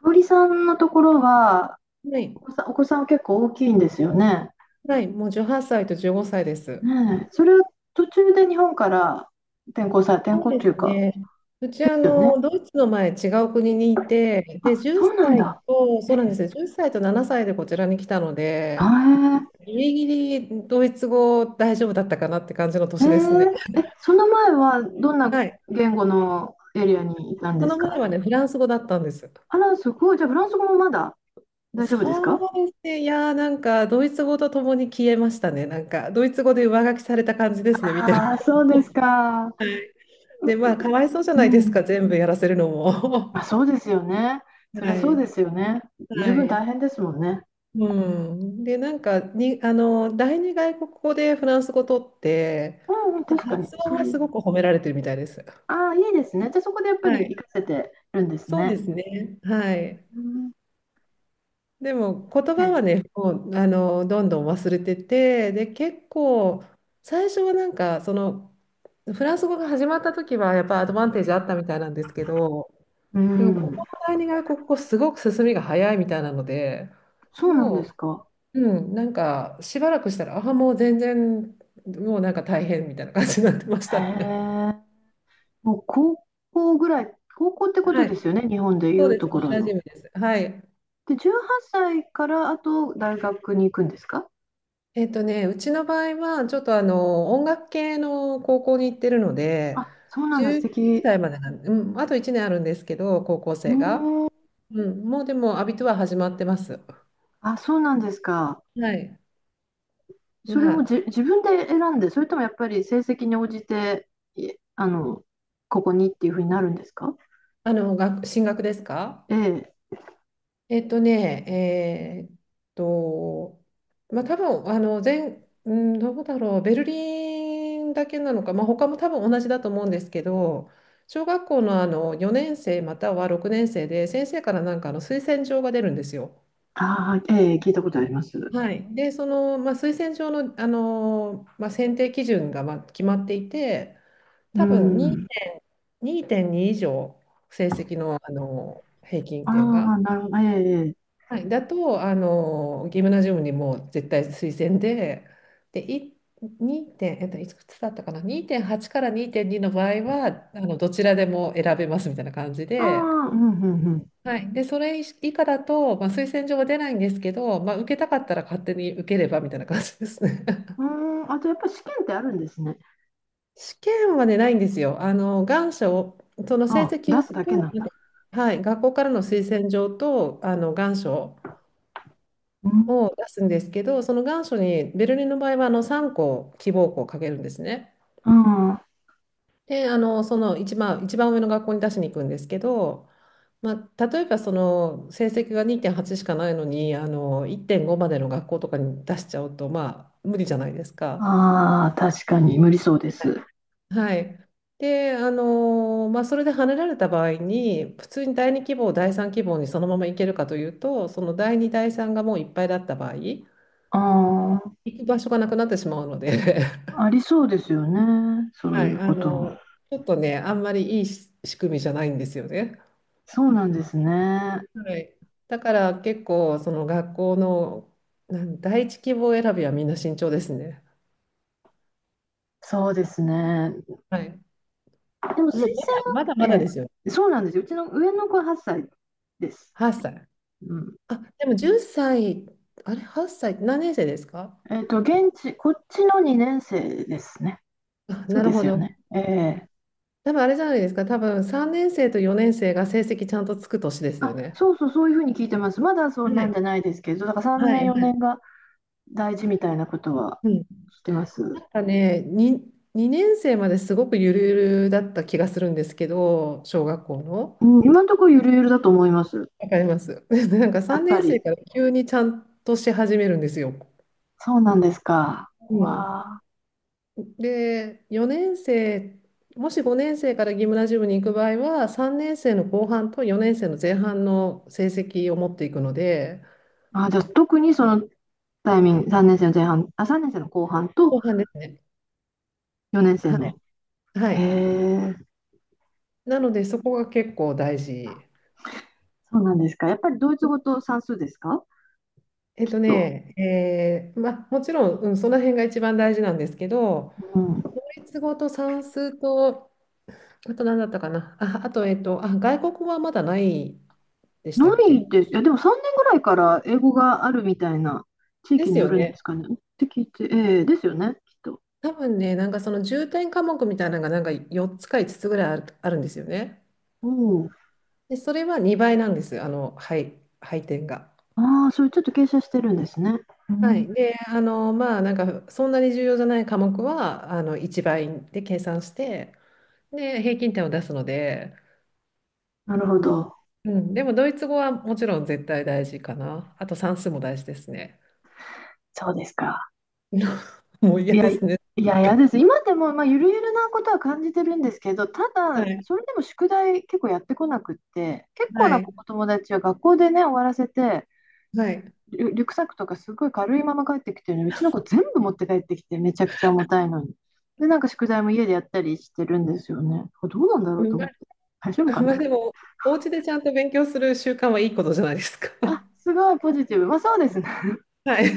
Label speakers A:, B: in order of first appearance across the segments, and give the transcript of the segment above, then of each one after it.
A: 香織さんのところは、
B: はい、
A: お子さんは結構大きいんですよね。
B: はい、もう18歳と15歳です。
A: ねえ、それは途中で日本から転校され、転
B: そう
A: 校っ
B: で
A: ていう
B: す
A: か、
B: ね。うち、
A: ですよね。
B: ドイツの前、違う国にいて、で、
A: あ、
B: 10
A: そうなん
B: 歳
A: だ。
B: と、そうなんですよ、歳と7歳でこちらに来たの
A: は
B: で、
A: い。
B: ギリギリドイツ語大丈夫だったかなって感じの
A: え
B: 年ですね。
A: え、その前はどんな
B: はい。
A: 言語のエリアにいたん
B: そ
A: です
B: の前
A: か？
B: はね、フランス語だったんです。
A: あら、すごい。じゃあ、フランス語もまだ大丈夫です
B: そ
A: か？
B: うですね、いやー、なんか、ドイツ語とともに消えましたね。なんか、ドイツ語で上書きされた感じですね、見てる
A: ああ、そう
B: と。
A: ですか。
B: で、まあ、かわいそうじゃ
A: う
B: ないです
A: ん。
B: か、全部やらせるの
A: ま
B: も。
A: あ、そうですよね。そりゃ
B: は
A: そうで
B: い。
A: すよね。十
B: は
A: 分大
B: い。
A: 変ですもんね。
B: うん、でなんかにあの第二外国語でフランス語取って
A: うん、うん、
B: で
A: 確かに。
B: 発音はすごく褒められてるみたいです。
A: ああ、いいですね。じゃあそこでやっぱ
B: は
A: り活
B: い、
A: かせてるんです
B: そう
A: ね。
B: ですね。はい。
A: うん、
B: でも言葉
A: え、
B: はね、もうどんどん忘れてて、で結構最初はなんかそのフランス語が始まった時はやっぱアドバンテージあったみたいなんですけど、
A: う
B: でもこ
A: ん、
B: この第二外国語すごく進みが早いみたいなので、
A: そうなんで
B: も
A: すか。
B: うう、なんかしばらくしたら、ああ、もう全然、もうなんか大変みたいな感じになってまし
A: へ
B: たね。
A: え。もう高校ぐらい、高校ってこ と
B: は
A: で
B: い、
A: すよね、日本でい
B: そう
A: う
B: です、
A: とこ
B: 同
A: ろ
B: じ
A: の。
B: です。はい。
A: で、18歳からあと大学に行くんですか？
B: ね、うちの場合は、ちょっと音楽系の高校に行ってるので、
A: あ、そうなんだ、素
B: 19
A: 敵。
B: 歳までなん、うん、あと1年あるんですけど、高校
A: う
B: 生が。
A: ーん、
B: うん、もうでも、アビトゥア始まってます。
A: あ、そうなんですか。
B: はい。
A: それ
B: ま
A: も
B: あ、
A: じ、自分で選んで、それともやっぱり成績に応じて、いあの、ここにっていうふうになるんですか？
B: 学進学ですか？
A: ええ。
B: えっとね、えーっと、まあ多分あの全、うん、どうだろう、ベルリンだけなのか、まあ他も多分同じだと思うんですけど、小学校の、4年生または6年生で先生からなんか推薦状が出るんですよ。
A: ああ、ええ、聞いたことあります。
B: はい。で、その、まあ、推薦状の、まあ、選定基準がまあ決まっていて、
A: う
B: 多分
A: ん。
B: 2.2以上成績の、平均
A: あ
B: 点が。
A: あ、なるほど。ええ、ええ、
B: はい、だと、ギムナジウムにもう絶対推薦で、で、2点、いくつだったかな、2.8から2.2の場合は、どちらでも選べますみたいな感じ
A: あ
B: で、
A: あ、うん、うん、
B: はい、で、それ以下だと、まあ、推薦状は出ないんですけど、まあ、受けたかったら勝手に受ければみたいな感じですね。
A: う ん。うーん、あとやっぱり試験ってあるんですね。
B: 試験はね、ないんですよ。願書を、その成
A: あ、
B: 績
A: 出す
B: 表
A: だけな
B: と、
A: んだ。
B: はい、学校からの推薦状と、願書
A: うん。
B: を出すんですけど、その願書にベルリンの場合は3校希望校をかけるんですね。
A: うん、あ
B: で、その一番上の学校に出しに行くんですけど、まあ、例えばその成績が2.8しかないのに1.5までの学校とかに出しちゃうと、まあ、無理じゃないですか。
A: あ、確かに無理そうです。
B: はい、で、まあ、それで跳ねられた場合に普通に第2希望第3希望にそのまま行けるかというとその第2第3がもういっぱいだった場合行
A: ああ、
B: く場所がなくなってしまうので、
A: ありそうですよね、そう
B: はい、
A: いうことも。
B: ちょっとね、あんまりいいし仕組みじゃないんですよね。
A: そうなんですね。
B: はい。だから結構、その学校の、第一希望選びはみんな慎重ですね。
A: そうですね。
B: はい。
A: でも推
B: もうまだまだま
A: 薦、
B: だ
A: え
B: ですよ。
A: え、そうなんですよ。うちの上の子は8歳です。
B: 8歳。
A: うん。
B: あ、でも10歳、あれ、8歳、何年生ですか？
A: 現地、こっちの2年生ですね。
B: あ、
A: そう
B: なる
A: で
B: ほ
A: すよ
B: ど。
A: ね。ええ。
B: 多分あれじゃないですか。多分3年生と4年生が成績ちゃんとつく年ですよ
A: あ、
B: ね。
A: そうそう、そういうふうに聞いてます。まだそう
B: は
A: なんじ
B: い。
A: ゃないですけど、だから3
B: はい、
A: 年、
B: は
A: 4
B: い。
A: 年が大事みたいなことは
B: うん。
A: 聞いてます。
B: なんかね、2年生まですごくゆるゆるだった気がするんですけど、小学校の。
A: うん、今のところゆるゆるだと思います。
B: わかります。なんか
A: やっ
B: 3
A: ぱ
B: 年
A: り。
B: 生から急にちゃんとし始めるんですよ。
A: そうなんですか。
B: うん、
A: わあ。
B: で、4年生、もし5年生からギムナジウムに行く場合は、3年生の後半と4年生の前半の成績を持っていくので、
A: あ、じゃあ特にそのタイミング、3年生の前半、あ、3年生の後半と
B: 後半ですね。
A: 4年生
B: はい。
A: の。
B: は
A: へ
B: い。
A: え、
B: なので、そこが結構大事。
A: そうなんですか。やっぱりドイツ語と算数ですか？
B: えっ
A: きっ
B: と
A: と。
B: ね、えーまあ、もちろん、うん、その辺が一番大事なんですけど、
A: うん。
B: ドイツ語と算数と、あと何だったかな。あ、あと、あ、外国語はまだないでし
A: な
B: たっけ？
A: いです。いや、でも3年ぐらいから英語があるみたいな、地
B: で
A: 域に
B: す
A: よ
B: よ
A: るんです
B: ね。
A: かね、って聞いて、ええ、ですよね、きっと。
B: 多分ね、なんかその重点科目みたいなのがなんか4つか5つつぐらいあるんですよね。
A: おお。
B: で、それは2倍なんです。はい、配点が。
A: ああ、それちょっと傾斜してるんですね。う
B: は
A: ん、
B: い。で、まあ、なんかそんなに重要じゃない科目は、1倍で計算して、で、平均点を出すので、
A: なるほど。
B: うん、でもドイツ語はもちろん絶対大事かな。あと算数も大事ですね。
A: そうですか。
B: もう嫌
A: いや、
B: で
A: い
B: すね。
A: や、嫌です。今でも、まあ、ゆるゆるなことは感じてるんですけど、た
B: は
A: だ、
B: い、
A: それでも宿題結構やってこなくって、結構
B: は
A: な
B: い、
A: お友達は学校でね、終わらせて、
B: はい。
A: リュックサックとかすごい軽いまま帰ってきてるのに、うちの子全部持って帰ってきて、めちゃくちゃ重たいのに。で、なんか宿題も家でやったりしてるんですよね。これどうなんだろう
B: う
A: と
B: ん
A: 思
B: ま
A: って。大丈夫
B: あ、
A: か
B: ま
A: な？
B: あでも、お家でちゃんと勉強する習慣はいいことじゃないですか。
A: あ、すごいポジティブ。まあ、そうですね。
B: はい。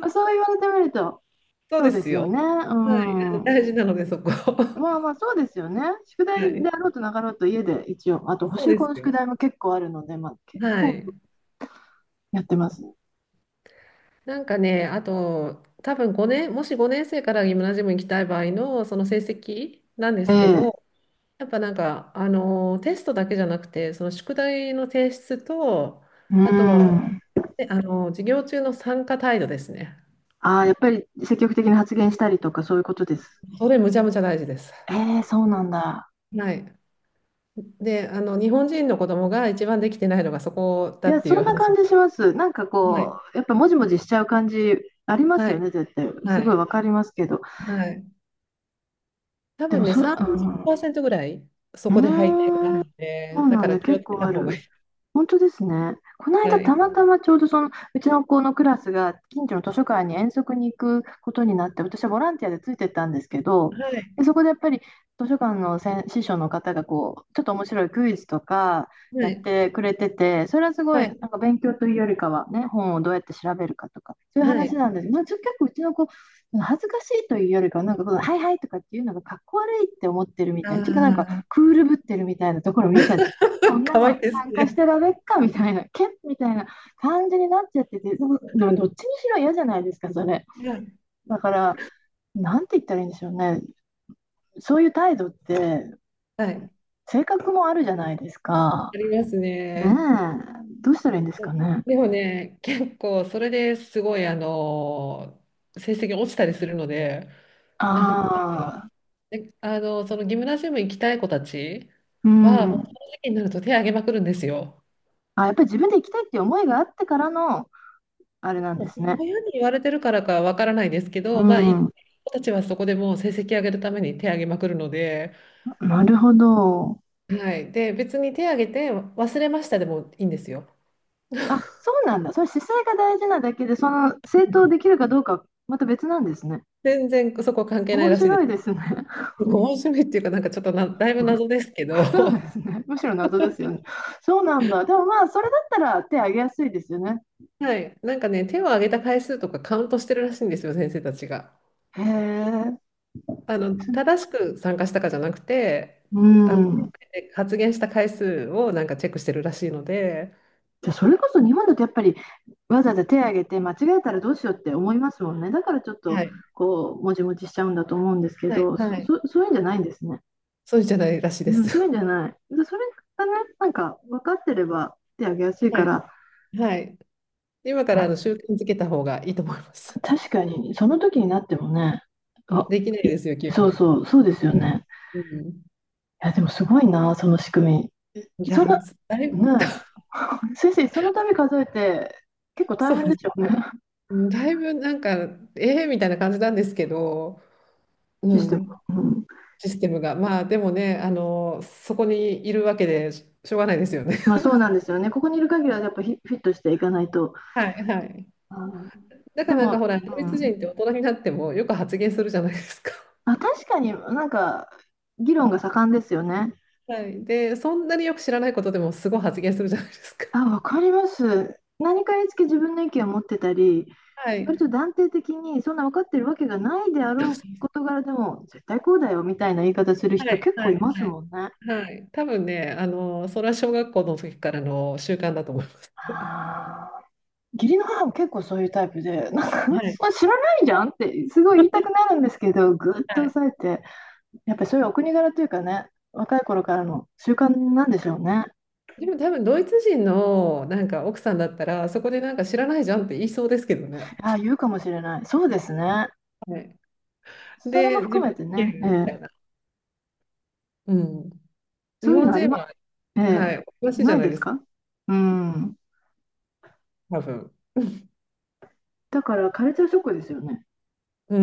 A: そう言われてみると、
B: そう
A: そう
B: で
A: で
B: す
A: すよ
B: よ。
A: ね。う
B: はい。大
A: ん。
B: 事なので、そこ。
A: まあま
B: は
A: あ、そうですよね。宿題
B: い。
A: であろうとなかろうと家で一応、あと、補
B: そう
A: 習
B: で
A: 校
B: す
A: の宿
B: よ。
A: 題も結構あるので、まあ、結
B: は
A: 構
B: い。
A: やってますね。
B: なんかね、あと、多分5年、もし5年生からギムナジウムに行きたい場合のその成績なんで
A: え
B: すけ
A: え。
B: ど、やっぱなんか、テストだけじゃなくて、その宿題の提出と、
A: う
B: あとは、
A: ん。
B: ね、授業中の参加態度ですね。
A: ああ、やっぱり積極的に発言したりとか、そういうことです。
B: それむちゃむちゃ大事です。
A: ええ、そうなんだ。
B: はい。で、日本人の子供が一番できてないのがそこだ
A: い
B: っ
A: や、
B: てい
A: そ
B: う
A: んな
B: 話
A: 感じし
B: が。
A: ます。なんか
B: は
A: こ
B: い。
A: う、やっぱもじもじしちゃう感じあります
B: は
A: よ
B: い。
A: ね、絶対。
B: は
A: すごい
B: い。
A: わかりますけど。
B: はい。多
A: で
B: 分
A: も、
B: ね、ー
A: うん、う
B: パーセントぐらいそ
A: ー
B: こで背景がある
A: ん、
B: の
A: そ
B: で、
A: う
B: だ
A: な
B: か
A: ん
B: ら
A: だ、
B: 気を
A: 結
B: つけ
A: 構
B: た
A: あ
B: 方がいい。
A: る。本当ですね。この間、
B: は
A: た
B: い。
A: またまちょうどそのうちの子のクラスが近所の図書館に遠足に行くことになって、私はボランティアでついてったんですけど、
B: はい。
A: で、そこでやっぱり図書館の先師匠の方がこう、ちょっと面白いクイズとか
B: は
A: やっ
B: い。
A: てくれてて、それはすご
B: は
A: い
B: い。
A: なんか勉強というよりかは、ね、本をどうやって調べるかとか、そういう
B: は
A: 話
B: い。
A: なんです。まあ、結構うちの子、恥ずかしいというよりかは、なんかこう、はいはいとかっていうのがかっこ悪いって思ってるみ
B: あ
A: たいな、ちょっとなんか
B: あ、
A: クールぶってるみたいなところ見ちゃって、こ んな
B: かわい
A: の
B: いです
A: 参加し
B: ね。
A: てられっかみたいな、けっみたいな感じになっちゃってて、でもどっちにしろ嫌じゃないですか、それ。
B: はい。
A: だから、なんて言ったらいいんでしょうね。そういう態度って、
B: はい。
A: 性格もあるじゃないですか。
B: あります
A: ねえ、
B: ね。
A: どうしたらいいんですかね。
B: でもね、結構それですごい、成績落ちたりするので、
A: あ
B: な、
A: あ、
B: で、そのギムナジウム行きたい子たち
A: う
B: は、もう
A: ん。
B: その時期になると手を挙げまくるんですよ。
A: あ、やっぱり自分で行きたいっていう思いがあってからの、あれなんですね。
B: 親に言われてるからかわからないですけ
A: う
B: ど、まあ、行
A: ん、
B: 子たちはそこでもう成績上げるために手を挙げまくるので、
A: なるほど。
B: はい。で、別に手を挙げて忘れましたでもいいんですよ。
A: あ、そうなんだ。それ姿勢が大事なだけで、その、正当できるかどうかはまた別なんですね。
B: 全然そこ関係ない
A: 面
B: らしいで
A: 白
B: す。
A: いですね。
B: 面しめっていうか、なんかちょっとだいぶ謎ですけど、
A: そう
B: は
A: ですね。むしろ謎ですよね。そうなんだ。でもまあ、それだったら手挙げやすいですよね。
B: い。なんかね、手を挙げた回数とかカウントしてるらしいんですよ、先生たちが。
A: へえ。
B: 正しく参加したかじゃなくて、
A: う
B: あ
A: ん。
B: で発言した回数をなんかチェックしてるらしいので、
A: じゃあそれこそ日本だとやっぱりわざわざ手挙げて間違えたらどうしようって思いますもんね。だからちょっ
B: は
A: と
B: い、
A: こう、もちもちしちゃうんだと思うんですけ
B: はい、
A: ど、そ、
B: はい、
A: そ、そういうんじゃないんですね。
B: そうじゃないらしいで
A: う
B: す。
A: ん、そういうんじゃない。で、それがね、なんか分かってれば手挙げやす い
B: は
A: か
B: い、
A: ら、
B: はい。今から
A: あ、
B: 習慣づけた方がいいと思います。
A: 確かにその時になってもね、あ、
B: できない
A: い
B: ですよ、急
A: そう
B: に。
A: そう、そうですよ
B: うん
A: ね。
B: うん
A: や、でもすごいな、その仕組み。
B: い
A: そん
B: や、
A: な、
B: だいぶ、
A: ねえ、先生、その度数えて、結構大
B: そう
A: 変
B: で
A: で
B: す。
A: しょうね、
B: だいぶなんか、ええみたいな感じなんですけど、う
A: システム。
B: ん、
A: うん。
B: システムが。まあ、でもね、そこにいるわけでししょうがないですよね。
A: まあ、そうなんですよね。ここにいる限りは、やっぱフィットしていかないと。
B: はい、はい。
A: うん、
B: だ
A: で
B: からなんか
A: も、
B: ほら、ド
A: う
B: イツ
A: ん。
B: 人って大人になってもよく発言するじゃないですか。
A: あ、確かになんか、議論が盛んですよね。
B: はい。で、そんなによく知らないことでもすごい発言するじゃないですか。
A: あ、わかります。何かにつけ自分の意見を持ってたり、
B: は
A: 割
B: い。
A: と断定的に、そんな分かってるわけがないであ
B: そう
A: ろう
B: そう
A: 事柄でも、絶対こうだよみたいな言い方する
B: は
A: 人
B: い、
A: 結
B: は
A: 構
B: い、
A: います
B: はい。
A: もんね。
B: はい。多分ね、それは小学校の時からの習慣だと思います。
A: ああ。義理の母も結構そういうタイプで、なんか、
B: はい。
A: まあ知らないじゃんって、すごい言いたくなるんですけど、ぐっと
B: はい。
A: 抑えて、やっぱりそういうお国柄というかね、若い頃からの習慣なんでしょうね。
B: でも多分ドイツ人のなんか奥さんだったら、そこでなんか知らないじゃんって言いそうですけどね。
A: ああ、言うかもしれない。そうですね。
B: はい。
A: それも
B: で、自
A: 含
B: 分
A: め
B: で
A: て
B: 言え
A: ね、え
B: るみた
A: え、
B: いな。うん。日
A: そういう
B: 本
A: のあ
B: 人
A: りま、
B: は、
A: え
B: は
A: え、
B: い、おかしいじ
A: な
B: ゃ
A: い
B: ない
A: で
B: で
A: す
B: すか、
A: か？うん。
B: 多分。
A: だから、カルチャーショックですよね。
B: う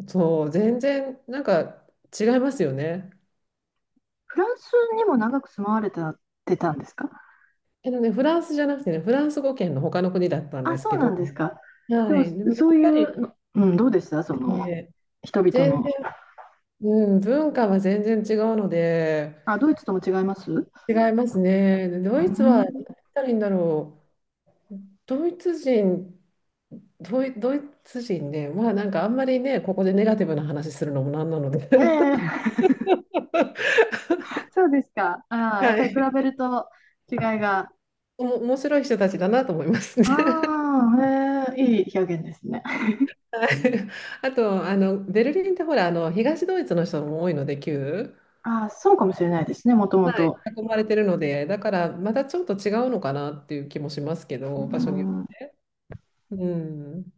B: ん。そう、全然なんか違いますよね。
A: フランスにも長く住まわれてたってたんですか？
B: フランスじゃなくてね、フランス語圏の他の国だったんで
A: あ、
B: す
A: そう
B: け
A: なん
B: ど、
A: ですか。で
B: は
A: も、
B: い、でもや
A: そう
B: っ
A: い
B: ぱり
A: うの、うん、どうでしたそ
B: です
A: の、
B: ね、
A: 人々
B: 全
A: の。
B: 然、うん、文化は全然違うので、
A: あ、ドイツとも違います？う
B: 違いますね。でド
A: ー
B: イツは、何
A: ん。
B: 言ったらいいんだろう、ドイツ人ね、まあなんかあんまりね、ここでネガティブな話するのもなんなので、
A: え え。 そうですか。ああ、やっ
B: は
A: ぱり比べ
B: い、
A: ると違いが。
B: 面白い人たちだなと思いますね。
A: ああ、ええ、いい表現ですね。
B: はい、あと、ベルリンってほら、東ドイツの人も多いので、旧。
A: ああ、そうかもしれないですね、もとも
B: はい。
A: と。
B: 囲まれてるので、だからまたちょっと違うのかなっていう気もしますけ
A: うー
B: ど、場所によっ
A: ん
B: て。うん。